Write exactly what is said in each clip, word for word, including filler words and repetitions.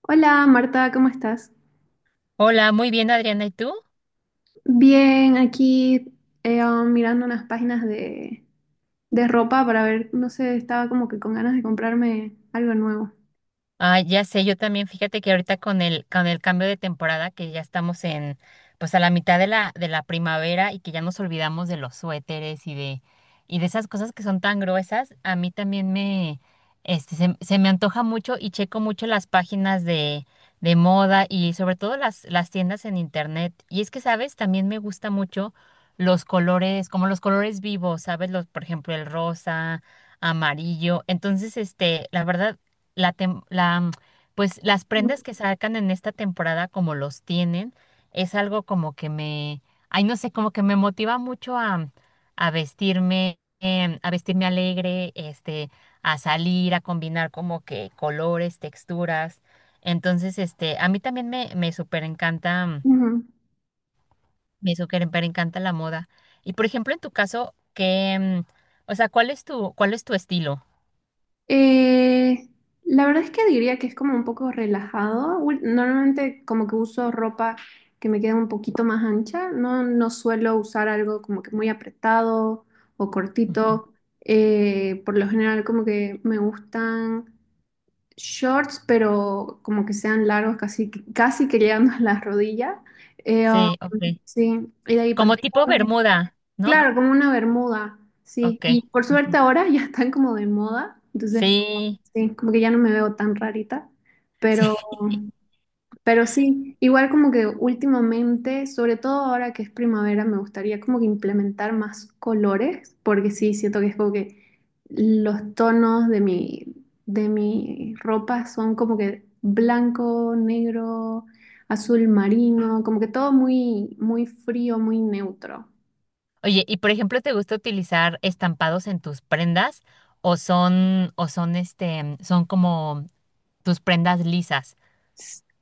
Hola Marta, ¿cómo estás? Hola, muy bien, Adriana, ¿y tú? Bien, aquí eh, um, mirando unas páginas de, de ropa para ver, no sé, estaba como que con ganas de comprarme algo nuevo. Ah, ya sé, yo también, fíjate que ahorita con el, con el cambio de temporada, que ya estamos en, pues a la mitad de la, de la primavera y que ya nos olvidamos de los suéteres y de, y de esas cosas que son tan gruesas, a mí también me, este, se, se me antoja mucho y checo mucho las páginas de, de moda y sobre todo las, las tiendas en internet. Y es que, ¿sabes? También me gusta mucho los colores, como los colores vivos, ¿sabes? Los, por ejemplo, el rosa amarillo. Entonces, este, la verdad, la, tem- la, mm, pues las prendas que sacan en esta temporada como los tienen, es algo como que me, ay, no sé, como que me motiva mucho a, a vestirme, em, a vestirme alegre, este, a salir, a combinar como que colores, texturas. Entonces, este, a mí también me, me súper encanta, mm, Ujú. me súper encanta la moda. Y por ejemplo, en tu caso, que, o sea, ¿cuál es tu, cuál es tu estilo? Eh, la verdad es que diría que es como un poco relajado. Ul- Normalmente como que uso ropa que me queda un poquito más ancha. No, no suelo usar algo como que muy apretado o Ujú. cortito. Eh, por lo general como que me gustan... shorts, pero como que sean largos, casi, casi que llegando a la rodilla. Eh, um, Sí, ok. sí, y de ahí Como tipo pantalones. bermuda, ¿no? Claro, como una bermuda, sí. Ok. Y por ujú. suerte ahora ya están como de moda, entonces, Sí, sí, como que ya no me veo tan rarita, sí. pero... Pero sí, igual como que últimamente, sobre todo ahora que es primavera, me gustaría como que implementar más colores, porque sí, siento que es como que los tonos de mi, de mi ropa son como que blanco, negro, azul marino, como que todo muy, muy frío, muy neutro. Oye, y por ejemplo, ¿te gusta utilizar estampados en tus prendas o son o son este son como tus prendas lisas?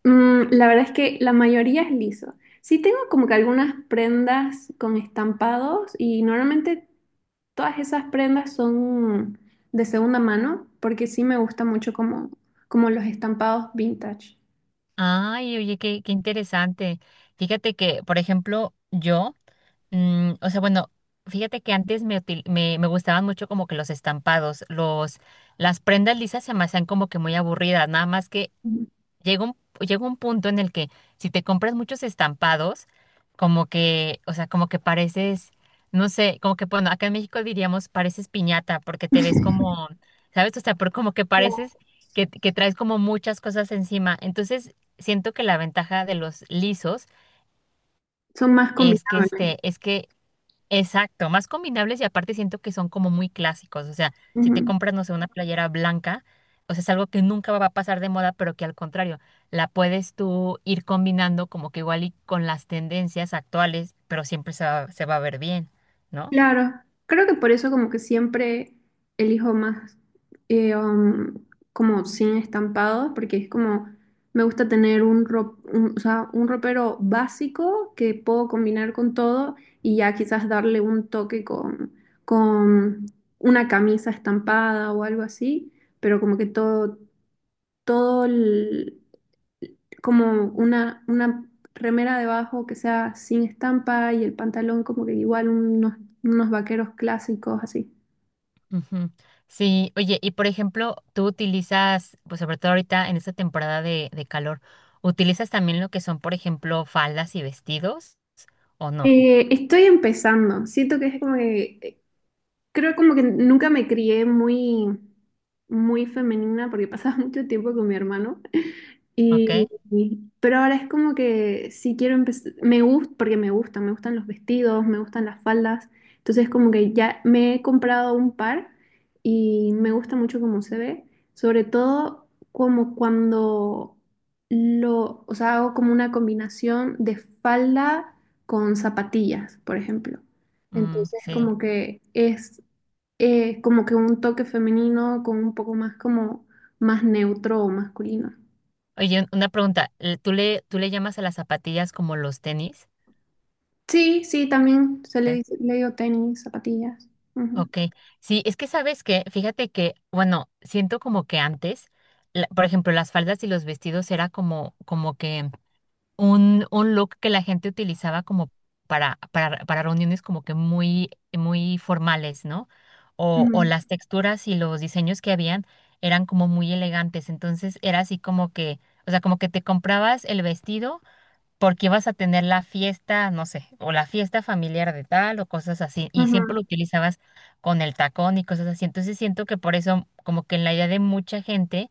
Mm, la verdad es que la mayoría es liso. Sí tengo como que algunas prendas con estampados y normalmente todas esas prendas son de segunda mano porque sí me gusta mucho como, como los estampados vintage. Ay, oye, qué, qué interesante. Fíjate que, por ejemplo, yo, mm, o sea, bueno, fíjate que antes me, util- me, me gustaban mucho como que los estampados, los, las prendas lisas se me hacían como que muy aburridas, nada más que Ujú. llega un, llega un punto en el que si te compras muchos estampados, como que, o sea, como que pareces, no sé, como que, bueno, acá en México diríamos pareces piñata, porque te ves como, ¿sabes? O sea, pero como que pareces Claro. que, que traes como muchas cosas encima. Entonces, siento que la ventaja de los lisos Son más es que combinables. este, es que Exacto, más combinables y aparte siento que son como muy clásicos. O sea, si te Ujú. compras, no sé, una playera blanca, o sea, es algo que nunca va a pasar de moda, pero que al contrario, la puedes tú ir combinando como que igual y con las tendencias actuales, pero siempre se va, se va a ver bien, ¿no? Claro, creo que por eso como que siempre elijo más eh, um, como sin estampados, porque es como me gusta tener un, ro- un- o sea, un ropero básico que puedo combinar con todo y ya quizás darle un toque con, con una camisa estampada o algo así, pero como que todo, todo como una, una remera debajo que sea sin estampa y el pantalón como que igual unos, unos vaqueros clásicos así. Ujú. Sí, oye, y por ejemplo, tú utilizas, pues sobre todo ahorita en esta temporada de, de calor, ¿utilizas también lo que son, por ejemplo, faldas y vestidos o no? Eh, estoy empezando, siento que es como que, eh, creo como que nunca me crié muy, muy femenina porque pasaba mucho tiempo con mi hermano. ¿Ok? Y, y- pero ahora es como que sí quiero empezar, me gusta, porque me gusta, me gustan los vestidos, me gustan las faldas, entonces como que ya me he comprado un par y me gusta mucho cómo se ve, sobre todo como cuando lo, o sea, hago como una combinación de falda con zapatillas, por ejemplo. Mm, Entonces sí. como que es eh, como que un toque femenino con un poco más como más neutro o masculino. Oye, un- una pregunta. eh, ¿Tú le, tú le llamas a las zapatillas como los tenis? Sí, sí, también se le ¿Eh? dice, le digo tenis, zapatillas. Ujú, Ok. Sí, es que sabes que, fíjate que, bueno, siento como que antes, la- por ejemplo, las faldas y los vestidos era como, como que un, un look que la gente utilizaba como para, para, para reuniones como que muy, muy formales, ¿no? O, o ujú, las texturas y los diseños que habían eran como muy elegantes. Entonces era así como que, o sea, como que te comprabas el vestido porque vas a tener la fiesta, no sé, o la fiesta familiar de tal o cosas así, y siempre ujú, lo utilizabas con el tacón y cosas así. Entonces siento que por eso, como que en la idea de mucha gente,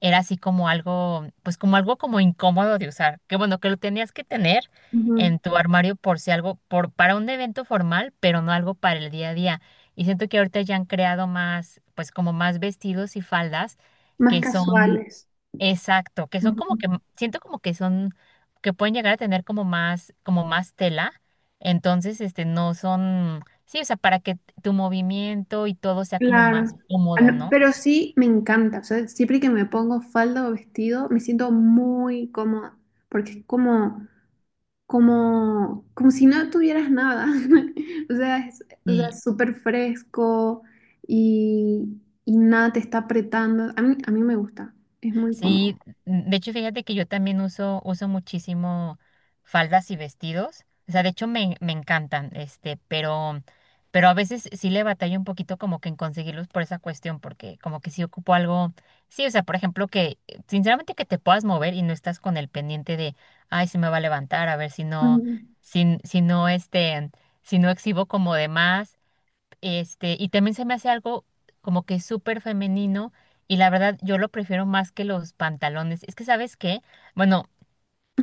era así como algo, pues como algo como incómodo de usar, que bueno, que lo tenías que tener ujú. en tu armario por si algo, por, para un evento formal, pero no algo para el día a día. Y siento que ahorita ya han creado más, pues como más vestidos y faldas Más que son casuales. Exacto, que son Ujú. como que, m- siento como que son, que pueden llegar a tener como más, como más, tela, entonces, este, no son, sí, o sea, para que tu movimiento y todo sea como más Claro. Ah, cómodo, no, ¿no? pero sí me encanta. O sea, siempre que me pongo falda o vestido, me siento muy cómoda. Porque es como, como, como si no tuvieras nada. O sea, es, o sea, Sí. es súper fresco y, y nada te está apretando. A mí, a mí me gusta. Es muy cómodo. Sí, de hecho, fíjate que yo también uso, uso muchísimo faldas y vestidos. O sea, de hecho me, me encantan, este, pero, pero a veces sí le batallo un poquito como que en conseguirlos por esa cuestión, porque como que sí ocupo algo. Sí, o sea, por ejemplo, que eh, sinceramente que te puedas mover y no estás con el pendiente de, ay, se me va a levantar, a ver si no, Ujú. si, si no, este, si no exhibo como de más este, y también se me hace algo como que súper femenino y la verdad yo lo prefiero más que los pantalones. Es que, ¿sabes qué? Bueno,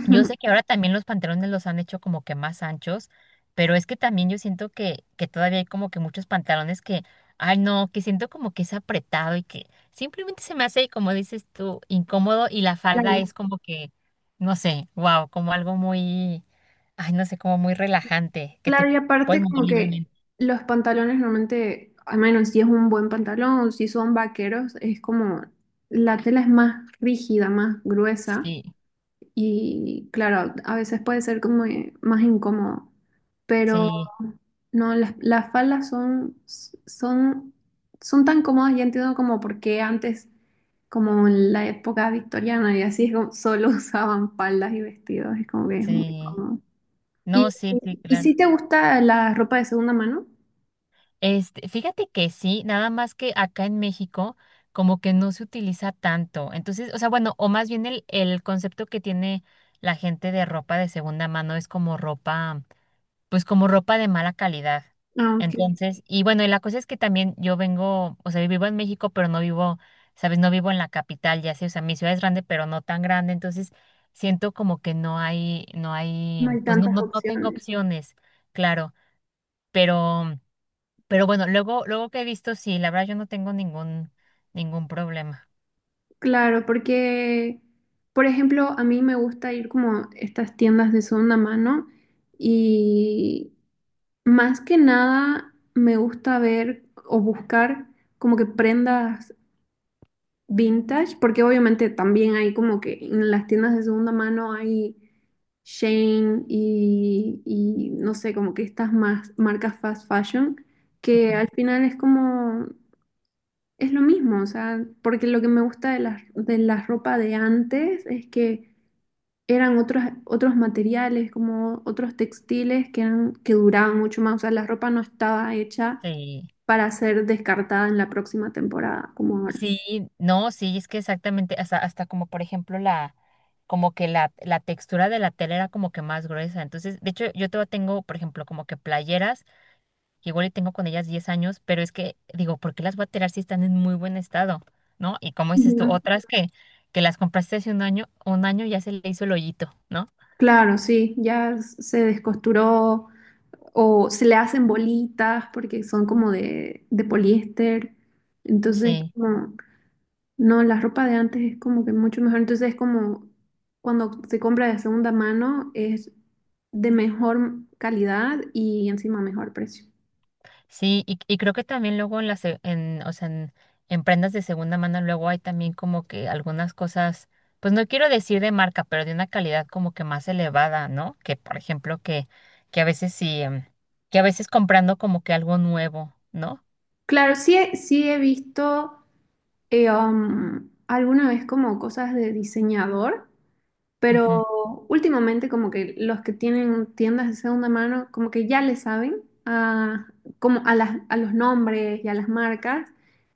yo sé que ahora también los pantalones los han hecho como que más anchos, pero es que también yo siento que, que todavía hay como que muchos pantalones que, ay no, que siento como que es apretado y que simplemente se me hace, como dices tú, incómodo y la falda Claro. es como que, no sé, wow, como algo muy, ay no sé, como muy relajante, que Claro, te y puedes aparte mover como que libremente. los pantalones normalmente, al menos si es un buen pantalón o si son vaqueros, es como la tela es más rígida, más gruesa Sí, y claro, a veces puede ser como eh, más incómodo, pero sí. no, las, las faldas son, son, son tan cómodas, ya entiendo como por qué antes, como en la época victoriana y así, es como solo usaban faldas y vestidos, es como que es muy Sí, cómodo. ¿Y, no, sí, sí, y claro. si te gusta la ropa de segunda mano? Este, fíjate que sí, nada más que acá en México como que no se utiliza tanto. Entonces, o sea, bueno, o más bien el, el concepto que tiene la gente de ropa de segunda mano es como ropa, pues como ropa de mala calidad. Aunque Entonces, y bueno, y la cosa es que también yo vengo, o sea, vivo en México, pero no vivo, sabes, no vivo en la capital, ya sé, o sea, mi ciudad es grande, pero no tan grande. Entonces, siento como que no hay, no no hay, hay pues no, tantas no, no tengo opciones. opciones, claro. Pero, pero bueno, luego, luego que he visto, sí, la verdad yo no tengo ningún, ningún problema. Claro, porque, por ejemplo, a mí me gusta ir como a estas tiendas de segunda mano y más que nada me gusta ver o buscar como que prendas vintage, porque obviamente también hay como que en las tiendas de segunda mano hay Shane y, y no sé, como que estas más marcas fast fashion, Ujú. que al final es como es lo mismo, o sea, porque lo que me gusta de las de la ropa de antes es que eran otros, otros materiales, como otros textiles que eran, que duraban mucho más. O sea, la ropa no estaba hecha Sí, para ser descartada en la próxima temporada, como ahora. sí, no, sí, es que exactamente, hasta, hasta como por ejemplo la, como que la, la textura de la tela era como que más gruesa. Entonces, de hecho, yo todavía tengo, por ejemplo, como que playeras, que igual y tengo con ellas diez años, pero es que digo, ¿por qué las voy a tirar si están en muy buen estado? ¿No? Y como dices tú, Ujú. otras que, que las compraste hace un año, un año ya se le hizo el hoyito, ¿no? Claro, sí, ya se descosturó o se le hacen bolitas porque son como de, de poliéster. Entonces, Sí. como no, la ropa de antes es como que mucho mejor. Entonces es como cuando se compra de segunda mano es de mejor calidad y encima mejor precio. Sí, y, y creo que también luego en las, en, o sea, en, en prendas de segunda mano luego hay también como que algunas cosas, pues no quiero decir de marca, pero de una calidad como que más elevada, ¿no? Que por ejemplo que, que a veces sí, em, que a veces comprando como que algo nuevo, ¿no? Claro, sí, he- sí he visto eh, um, alguna vez como cosas de diseñador. Ujú. Pero últimamente como que los que tienen tiendas de segunda mano como que ya le saben a, como a las, a los nombres y a las marcas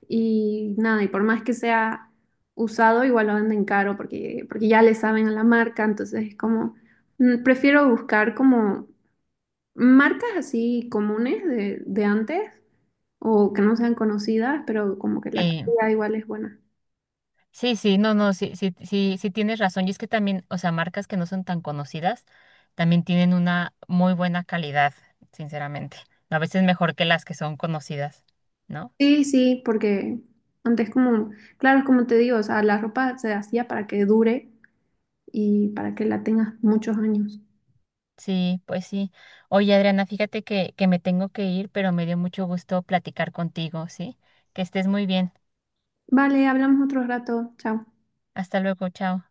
y nada, y por más que sea usado igual lo venden caro porque, porque ya le saben a la marca, entonces es como mm, prefiero buscar como marcas así comunes de, de antes o que no sean conocidas, pero como que la Eh, calidad igual es buena. sí, sí, no, no, sí, sí, sí, sí tienes razón. Y es que también, o sea, marcas que no son tan conocidas también tienen una muy buena calidad, sinceramente. A veces mejor que las que son conocidas, ¿no? Sí, sí, porque antes como, claro, es como te digo, o sea, la ropa se hacía para que dure y para que la tengas muchos años. Sí, pues sí. Oye, Adriana, fíjate que, que me tengo que ir, pero me dio mucho gusto platicar contigo, ¿sí? Que estés muy bien. Vale, hablamos otro rato. Chao. Hasta luego, chao.